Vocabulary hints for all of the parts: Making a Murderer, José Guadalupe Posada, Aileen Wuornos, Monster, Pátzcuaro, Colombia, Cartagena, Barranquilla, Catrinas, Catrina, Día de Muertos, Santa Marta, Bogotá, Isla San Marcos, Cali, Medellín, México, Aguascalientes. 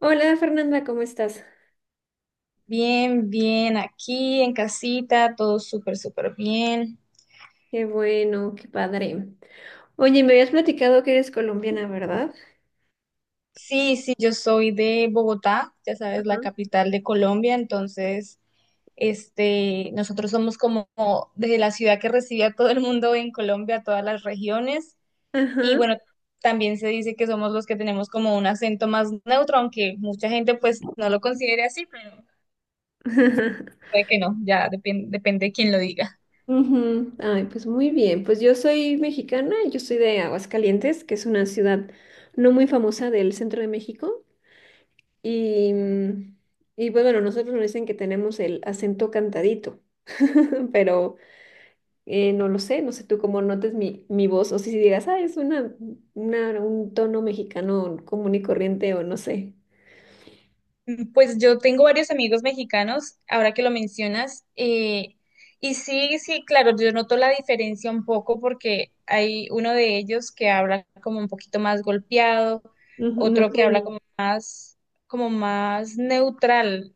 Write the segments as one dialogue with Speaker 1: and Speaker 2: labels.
Speaker 1: Hola Fernanda, ¿cómo estás?
Speaker 2: Bien, bien, aquí en casita, todo súper, súper bien.
Speaker 1: Qué bueno, qué padre. Oye, me habías platicado que eres colombiana, ¿verdad?
Speaker 2: Sí, sí, yo soy de Bogotá, ya sabes, la
Speaker 1: Ajá.
Speaker 2: capital de Colombia, entonces, nosotros somos como desde la ciudad que recibe a todo el mundo en Colombia, todas las regiones, y
Speaker 1: Ajá.
Speaker 2: bueno, también se dice que somos los que tenemos como un acento más neutro, aunque mucha gente pues no lo considere así, pero puede que no, ya depende de quién lo diga.
Speaker 1: Ujú. Ay, pues muy bien. Pues yo soy mexicana, yo soy de Aguascalientes, que es una ciudad no muy famosa del centro de México. Y, mm, y pues bueno, nosotros nos dicen que tenemos el acento cantadito, pero no lo sé, no sé tú cómo notes mi voz o si digas, ah, es un tono mexicano común y corriente o no sé.
Speaker 2: Mm, pues yo tengo varios amigos mexicanos, ahora que lo mencionas, y sí, sí, claro, yo noto la diferencia un poco porque hay uno de ellos que habla como un poquito más golpeado,
Speaker 1: Ujú,
Speaker 2: otro que
Speaker 1: norteño.
Speaker 2: habla como más neutral,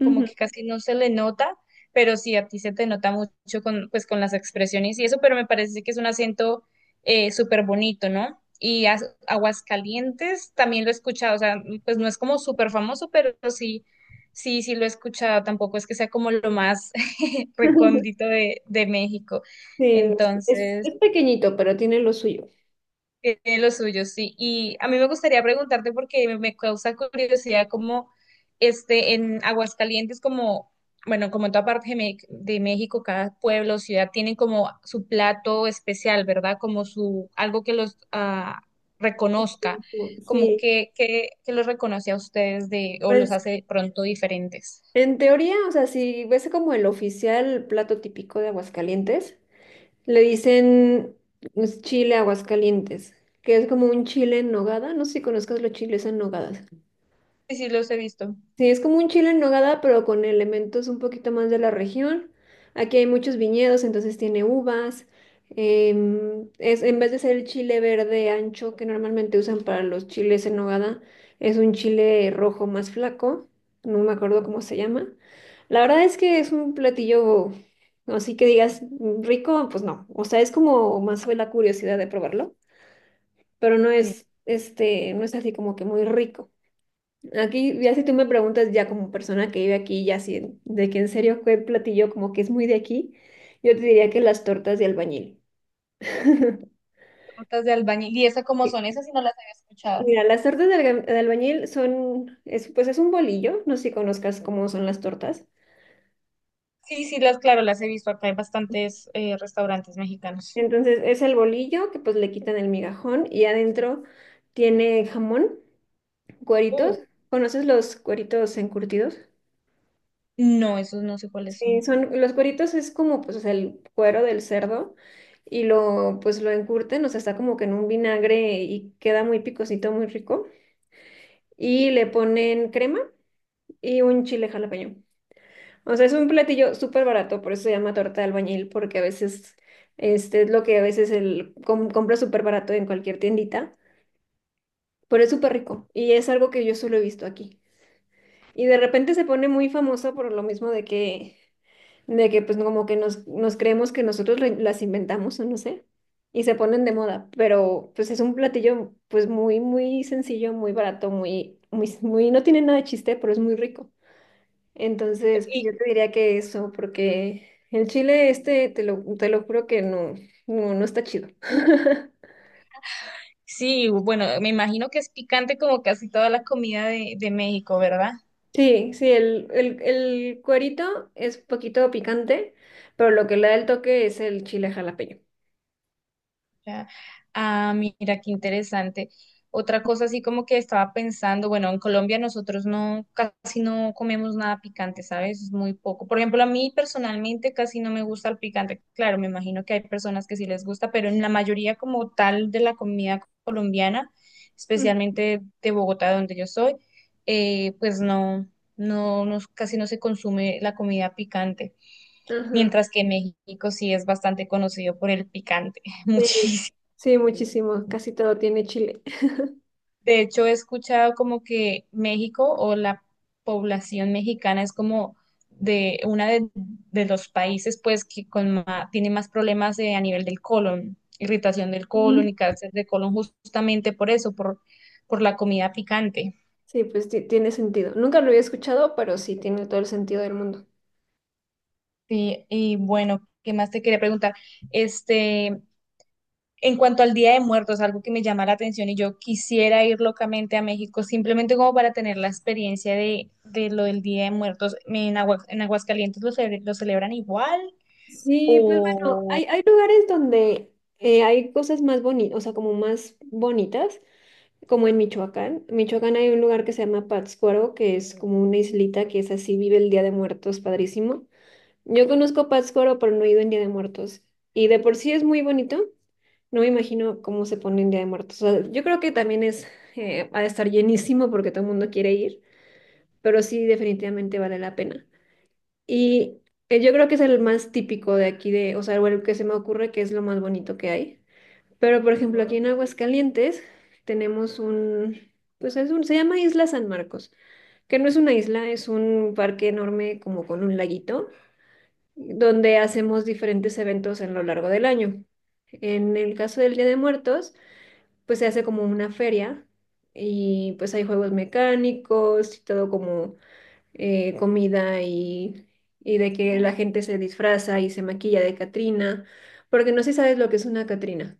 Speaker 2: como que
Speaker 1: Ujú.
Speaker 2: casi no se le nota, pero sí a ti se te nota mucho con, pues, con las expresiones y eso, pero me parece que es un acento súper bonito, ¿no? Y Aguascalientes también lo he escuchado, o sea, pues no es como súper famoso, pero sí, sí, sí lo he escuchado, tampoco es que sea como lo más recóndito de México.
Speaker 1: Sí, no,
Speaker 2: Entonces,
Speaker 1: es pequeñito, pero tiene lo suyo.
Speaker 2: tiene lo suyo, sí. Y a mí me gustaría preguntarte porque me causa curiosidad cómo en Aguascalientes, como, bueno, como en toda parte de de México, cada pueblo o ciudad tienen como su plato especial, ¿verdad? Como su, algo que los reconozca, como
Speaker 1: Sí,
Speaker 2: que los reconoce a ustedes de, o los
Speaker 1: pues
Speaker 2: hace pronto diferentes.
Speaker 1: en teoría, o sea, si ves como el oficial plato típico de Aguascalientes, le dicen pues, chile Aguascalientes, que es como un chile en nogada. No sé si conozcas los chiles en nogada.
Speaker 2: Sí, sí, los he visto.
Speaker 1: Sí, es como un chile en nogada, pero con elementos un poquito más de la región. Aquí hay muchos viñedos, entonces tiene uvas. En vez de ser el chile verde ancho que normalmente usan para los chiles en nogada, es un chile rojo más flaco. No me acuerdo cómo se llama. La verdad es que es un platillo, así que digas "Mm, rico, pues no. O sea, es como más fue la curiosidad de probarlo, pero no
Speaker 2: Sí.
Speaker 1: es, este, no es así como que muy rico. Aquí, ya si tú me preguntas ya como persona que vive aquí, ya si de que en serio fue platillo como que es muy de aquí, yo te diría que las tortas de albañil.
Speaker 2: Tortas de albañil. ¿Y esas cómo
Speaker 1: Sí,
Speaker 2: son? Esas sí no las había escuchado.
Speaker 1: mira, las tortas de albañil pues es un bolillo, no sé si conozcas cómo son las tortas.
Speaker 2: Sí, sí, las, claro, las he visto acá en bastantes restaurantes mexicanos.
Speaker 1: Entonces es el bolillo que pues le quitan el migajón y adentro tiene jamón,
Speaker 2: Uh,
Speaker 1: cueritos. ¿Conoces los cueritos encurtidos?
Speaker 2: no, esos no sé cuáles
Speaker 1: Sí,
Speaker 2: son.
Speaker 1: los cueritos es como, pues, o sea, el cuero del cerdo y pues, lo encurten, o sea, está como que en un vinagre y queda muy picosito, muy rico. Y le ponen crema y un chile jalapeño. O sea, es un platillo súper barato, por eso se llama torta de albañil, porque a veces, es lo que a veces el compra súper barato en cualquier tiendita, pero es súper rico y es algo que yo solo he visto aquí. Y de repente se pone muy famosa por lo mismo de que pues como que nos creemos que nosotros las inventamos o no sé, y se ponen de moda, pero pues es un platillo pues muy, muy sencillo, muy barato, muy, muy, muy, no tiene nada de chiste, pero es muy rico. Entonces, pues,
Speaker 2: Y
Speaker 1: yo te diría que eso, porque el chile este, te lo juro que no, no, no está chido.
Speaker 2: sí, bueno, me imagino que es picante como casi toda la comida de México, ¿verdad?
Speaker 1: Sí, sí, el cuerito es poquito picante, pero lo que le da el toque es el chile jalapeño.
Speaker 2: Ya. Ah, mira, qué interesante. Otra cosa así como que estaba pensando, bueno, en Colombia nosotros no, casi no comemos nada picante, ¿sabes? Es muy poco. Por ejemplo, a mí personalmente casi no me gusta el picante. Claro, me imagino que hay personas que sí les gusta, pero en la mayoría como tal de la comida colombiana,
Speaker 1: Mm.
Speaker 2: especialmente de Bogotá, donde yo soy, pues no, no, no, casi no se consume la comida picante.
Speaker 1: Ajá.
Speaker 2: Mientras que México sí es bastante conocido por el picante,
Speaker 1: Sí,
Speaker 2: muchísimo.
Speaker 1: sí, muchísimo. Casi todo tiene chile.
Speaker 2: De hecho, he escuchado como que México o la población mexicana es como de una de los países pues que con tiene más problemas a nivel del colon, irritación del
Speaker 1: Mm.
Speaker 2: colon y cáncer de colon justamente por eso, por la comida picante.
Speaker 1: Sí, pues tiene sentido. Nunca lo había escuchado, pero sí tiene todo el sentido del mundo.
Speaker 2: Sí, y bueno, ¿qué más te quería preguntar? Este, en cuanto al Día de Muertos, algo que me llama la atención y yo quisiera ir locamente a México, simplemente como para tener la experiencia de lo del Día de Muertos. ¿En en Aguascalientes lo, lo celebran igual?
Speaker 1: Sí, pues bueno, hay lugares donde hay cosas más bonitas, o sea, como más bonitas, como en Michoacán. En Michoacán hay un lugar que se llama Pátzcuaro, que es como una islita que es así, vive el Día de Muertos, padrísimo. Yo conozco Pátzcuaro, pero no he ido en Día de Muertos. Y de por sí es muy bonito. No me imagino cómo se pone en Día de Muertos. O sea, yo creo que también ha de estar llenísimo porque todo el mundo quiere ir, pero sí, definitivamente vale la pena. Y yo creo que es el más típico de aquí, de, o sea, o el que se me ocurre que es lo más bonito que hay. Pero, por ejemplo, aquí en Aguascalientes tenemos un, pues es un, se llama Isla San Marcos, que no es una isla, es un parque enorme como con un laguito donde hacemos diferentes eventos en lo largo del año. En el caso del Día de Muertos, pues se hace como una feria y pues hay juegos mecánicos y todo como comida y de que la gente se disfraza y se maquilla de Catrina, porque no sé si sabes lo que es una Catrina.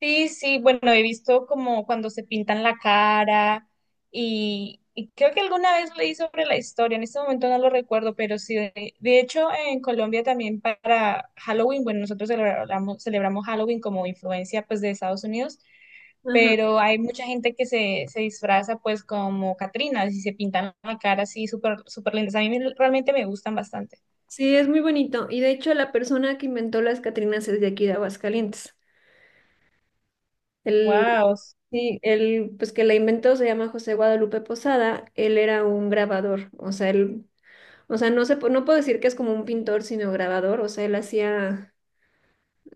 Speaker 2: Sí, sí, bueno, he visto como cuando se pintan la cara y creo que alguna vez leí sobre la historia, en este momento no lo recuerdo, pero sí, de hecho en Colombia también para Halloween, bueno, nosotros celebramos, celebramos Halloween como influencia pues de Estados Unidos,
Speaker 1: Ajá.
Speaker 2: pero hay mucha gente que se disfraza pues como Catrinas y se pintan la cara así súper, súper lindas. A mí realmente me gustan bastante.
Speaker 1: Sí, es muy bonito. Y de hecho la persona que inventó las Catrinas es de aquí de Aguascalientes. Él
Speaker 2: Wow.
Speaker 1: Sí, el pues que la inventó se llama José Guadalupe Posada, él era un grabador, o sea, o sea, no puedo decir que es como un pintor, sino grabador, o sea, él hacía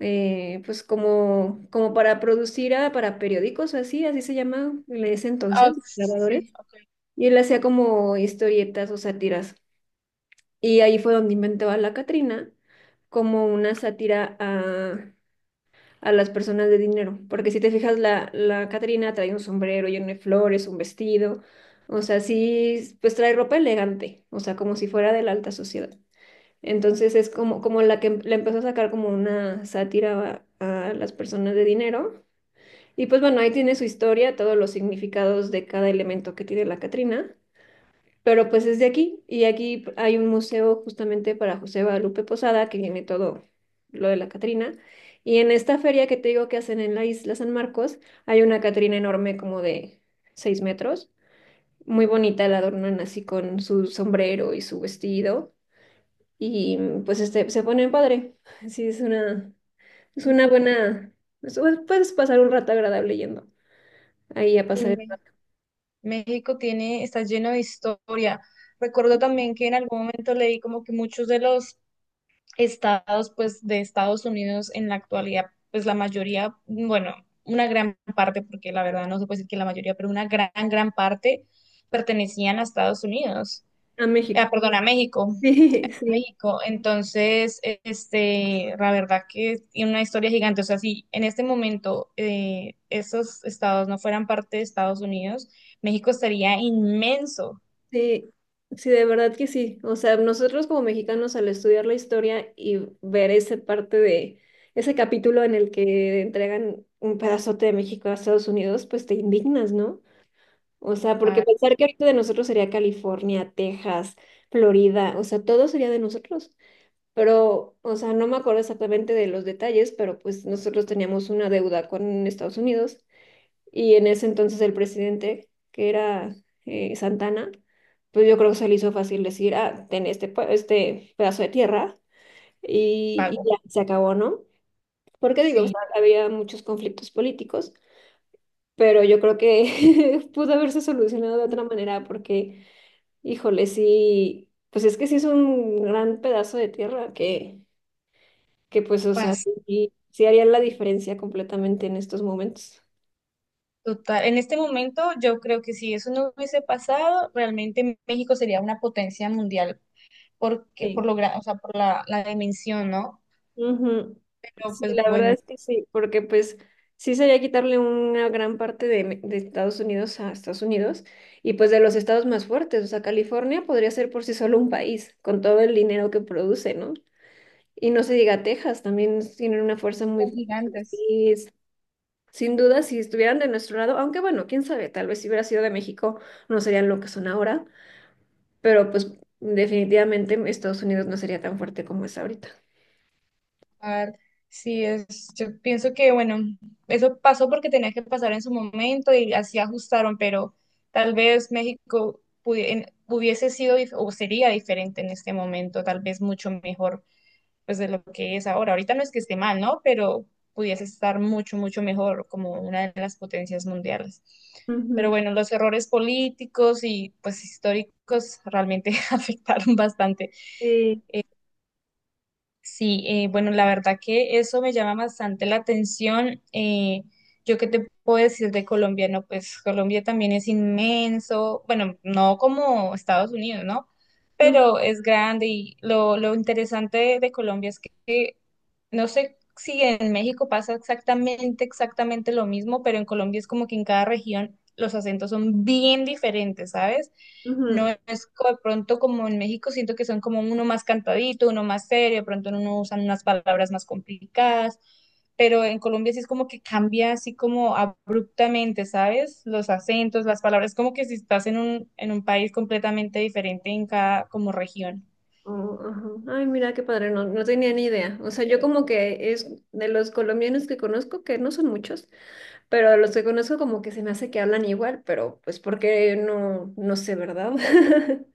Speaker 1: pues como para producir para periódicos o así, así se llama en ese entonces,
Speaker 2: Sí,
Speaker 1: grabadores,
Speaker 2: sí, ok.
Speaker 1: y él hacía como historietas o sátiras, y ahí fue donde inventó a la Catrina como una sátira a las personas de dinero, porque si te fijas, la Catrina trae un sombrero lleno de flores, un vestido, o sea, sí, pues trae ropa elegante, o sea, como si fuera de la alta sociedad. Entonces es como la que le empezó a sacar como una sátira a las personas de dinero. Y pues bueno, ahí tiene su historia, todos los significados de cada elemento que tiene la Catrina. Pero pues es de aquí y aquí hay un museo justamente para José Guadalupe Posada que tiene todo lo de la Catrina. Y en esta feria que te digo que hacen en la isla San Marcos, hay una Catrina enorme como de 6 metros. Muy bonita, la adornan así con su sombrero y su vestido. Y pues se ponen padre. Sí, es una buena... es- Puedes pasar un rato agradable yendo ahí a pasar el
Speaker 2: Dime.
Speaker 1: rato
Speaker 2: México tiene, está lleno de historia. Recuerdo también que en algún momento leí como que muchos de los estados, pues, de Estados Unidos en la actualidad, pues la mayoría, bueno, una gran parte, porque la verdad no se puede decir que la mayoría, pero una gran, gran parte pertenecían a Estados Unidos.
Speaker 1: a
Speaker 2: Ah,
Speaker 1: México.
Speaker 2: perdón, a México.
Speaker 1: Sí,
Speaker 2: México. Entonces, este, la verdad que tiene una historia gigante. O sea, si en este momento esos estados no fueran parte de Estados Unidos, México estaría inmenso
Speaker 1: Sí, sí, de verdad que sí. O sea, nosotros como mexicanos al estudiar la historia y ver ese parte de ese capítulo en el que entregan un pedazote de México a Estados Unidos, pues te indignas, ¿no? O sea, porque
Speaker 2: a
Speaker 1: pensar que ahorita de nosotros sería California, Texas, Florida, o sea, todo sería de nosotros. Pero, o sea, no me acuerdo exactamente de los detalles, pero pues nosotros teníamos una deuda con Estados Unidos y en ese entonces el presidente, que era Santana, pues yo creo que se le hizo fácil decir, ah, ten este pedazo de tierra y,
Speaker 2: pago.
Speaker 1: y ya se acabó, ¿no? Porque digo, o
Speaker 2: Sí,
Speaker 1: sea, había muchos conflictos políticos, pero yo creo que pudo haberse solucionado de otra manera porque, híjole, sí, pues es que sí es un gran pedazo de tierra que pues, o sea,
Speaker 2: pues
Speaker 1: sí, sí haría la diferencia completamente en estos momentos.
Speaker 2: total. En este momento, yo creo que si eso no hubiese pasado, realmente México sería una potencia mundial porque, por
Speaker 1: Sí.
Speaker 2: lo, o sea, por la, la dimensión, ¿no?
Speaker 1: Ujú.
Speaker 2: Pero
Speaker 1: Sí,
Speaker 2: pues
Speaker 1: la verdad
Speaker 2: bueno,
Speaker 1: es que sí, porque pues sí sería quitarle una gran parte de Estados Unidos a Estados Unidos y pues de los estados más fuertes, o sea, California podría ser por sí solo un país con todo el dinero que produce, ¿no? Y no se diga Texas, también tienen una fuerza muy
Speaker 2: son
Speaker 1: fuerte.
Speaker 2: gigantes.
Speaker 1: Sin duda, si estuvieran de nuestro lado, aunque bueno, quién sabe, tal vez si hubiera sido de México no serían lo que son ahora, pero pues definitivamente Estados Unidos no sería tan fuerte como es ahorita.
Speaker 2: Ah, sí, es, yo pienso que, bueno, eso pasó porque tenía que pasar en su momento y así ajustaron, pero tal vez México hubiese sido o sería diferente en este momento, tal vez mucho mejor pues de lo que es ahora. Ahorita no es que esté mal, ¿no? Pero pudiese estar mucho, mucho mejor como una de las potencias mundiales. Pero
Speaker 1: Ujú.
Speaker 2: bueno, los errores políticos y pues históricos realmente afectaron bastante.
Speaker 1: Sí.
Speaker 2: Sí, bueno, la verdad que eso me llama bastante la atención. Yo qué te puedo decir de Colombia, no, pues Colombia también es inmenso, bueno, no como Estados Unidos, ¿no? Pero es grande y lo interesante de Colombia es que no sé si en México pasa exactamente, exactamente lo mismo, pero en Colombia es como que en cada región los acentos son bien diferentes, ¿sabes? No
Speaker 1: Ujú.
Speaker 2: es de pronto como en México, siento que son como uno más cantadito, uno más serio, de pronto no usan unas palabras más complicadas, pero en Colombia sí es como que cambia así como abruptamente, ¿sabes? Los acentos, las palabras, como que si estás en un país completamente diferente en cada como región.
Speaker 1: Oh, ajá. Ay, mira qué padre, no, no tenía ni idea. O sea, yo como que es de los colombianos que conozco, que no son muchos, pero de los que conozco como que se me hace que hablan igual, pero pues porque no, no sé, ¿verdad?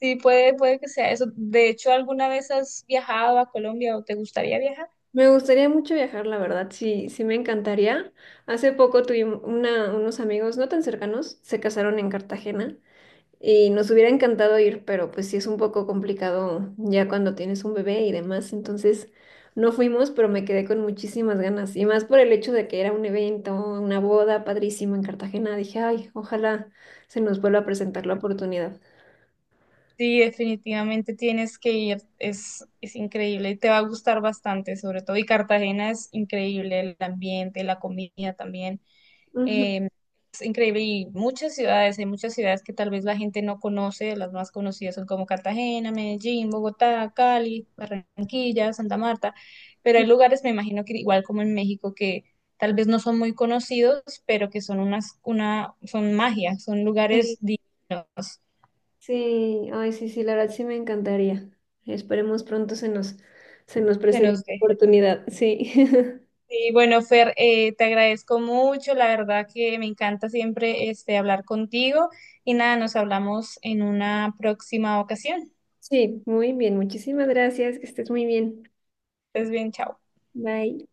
Speaker 2: Sí, puede, puede que sea eso. De hecho, ¿alguna vez has viajado a Colombia o te gustaría viajar?
Speaker 1: Me gustaría mucho viajar, la verdad, sí, sí me encantaría. Hace poco tuvimos unos amigos no tan cercanos, se casaron en Cartagena. Y nos hubiera encantado ir, pero pues sí es un poco complicado ya cuando tienes un bebé y demás. Entonces no fuimos, pero me quedé con muchísimas ganas. Y más por el hecho de que era un evento, una boda padrísima en Cartagena. Dije, ay, ojalá se nos vuelva a presentar la oportunidad.
Speaker 2: Sí, definitivamente tienes que ir, es increíble y te va a gustar bastante, sobre todo. Y Cartagena es increíble, el ambiente, la comida también.
Speaker 1: Ujú.
Speaker 2: eh, es increíble y muchas ciudades, hay muchas ciudades que tal vez la gente no conoce, las más conocidas son como Cartagena, Medellín, Bogotá, Cali, Barranquilla, Santa Marta, pero hay lugares, me imagino que igual como en México, que tal vez no son muy conocidos, pero que son unas, una, son magia, son lugares
Speaker 1: Sí,
Speaker 2: divinos,
Speaker 1: sí, ay, sí, sí, la verdad sí me encantaría. Esperemos pronto se nos
Speaker 2: se
Speaker 1: presente
Speaker 2: nos
Speaker 1: la
Speaker 2: ve.
Speaker 1: oportunidad. Sí.
Speaker 2: Sí, bueno, Fer, te agradezco mucho, la verdad que me encanta siempre este, hablar contigo y nada, nos hablamos en una próxima ocasión.
Speaker 1: Sí, muy bien. Muchísimas gracias. Que estés muy bien.
Speaker 2: Estés bien, chao.
Speaker 1: Bye.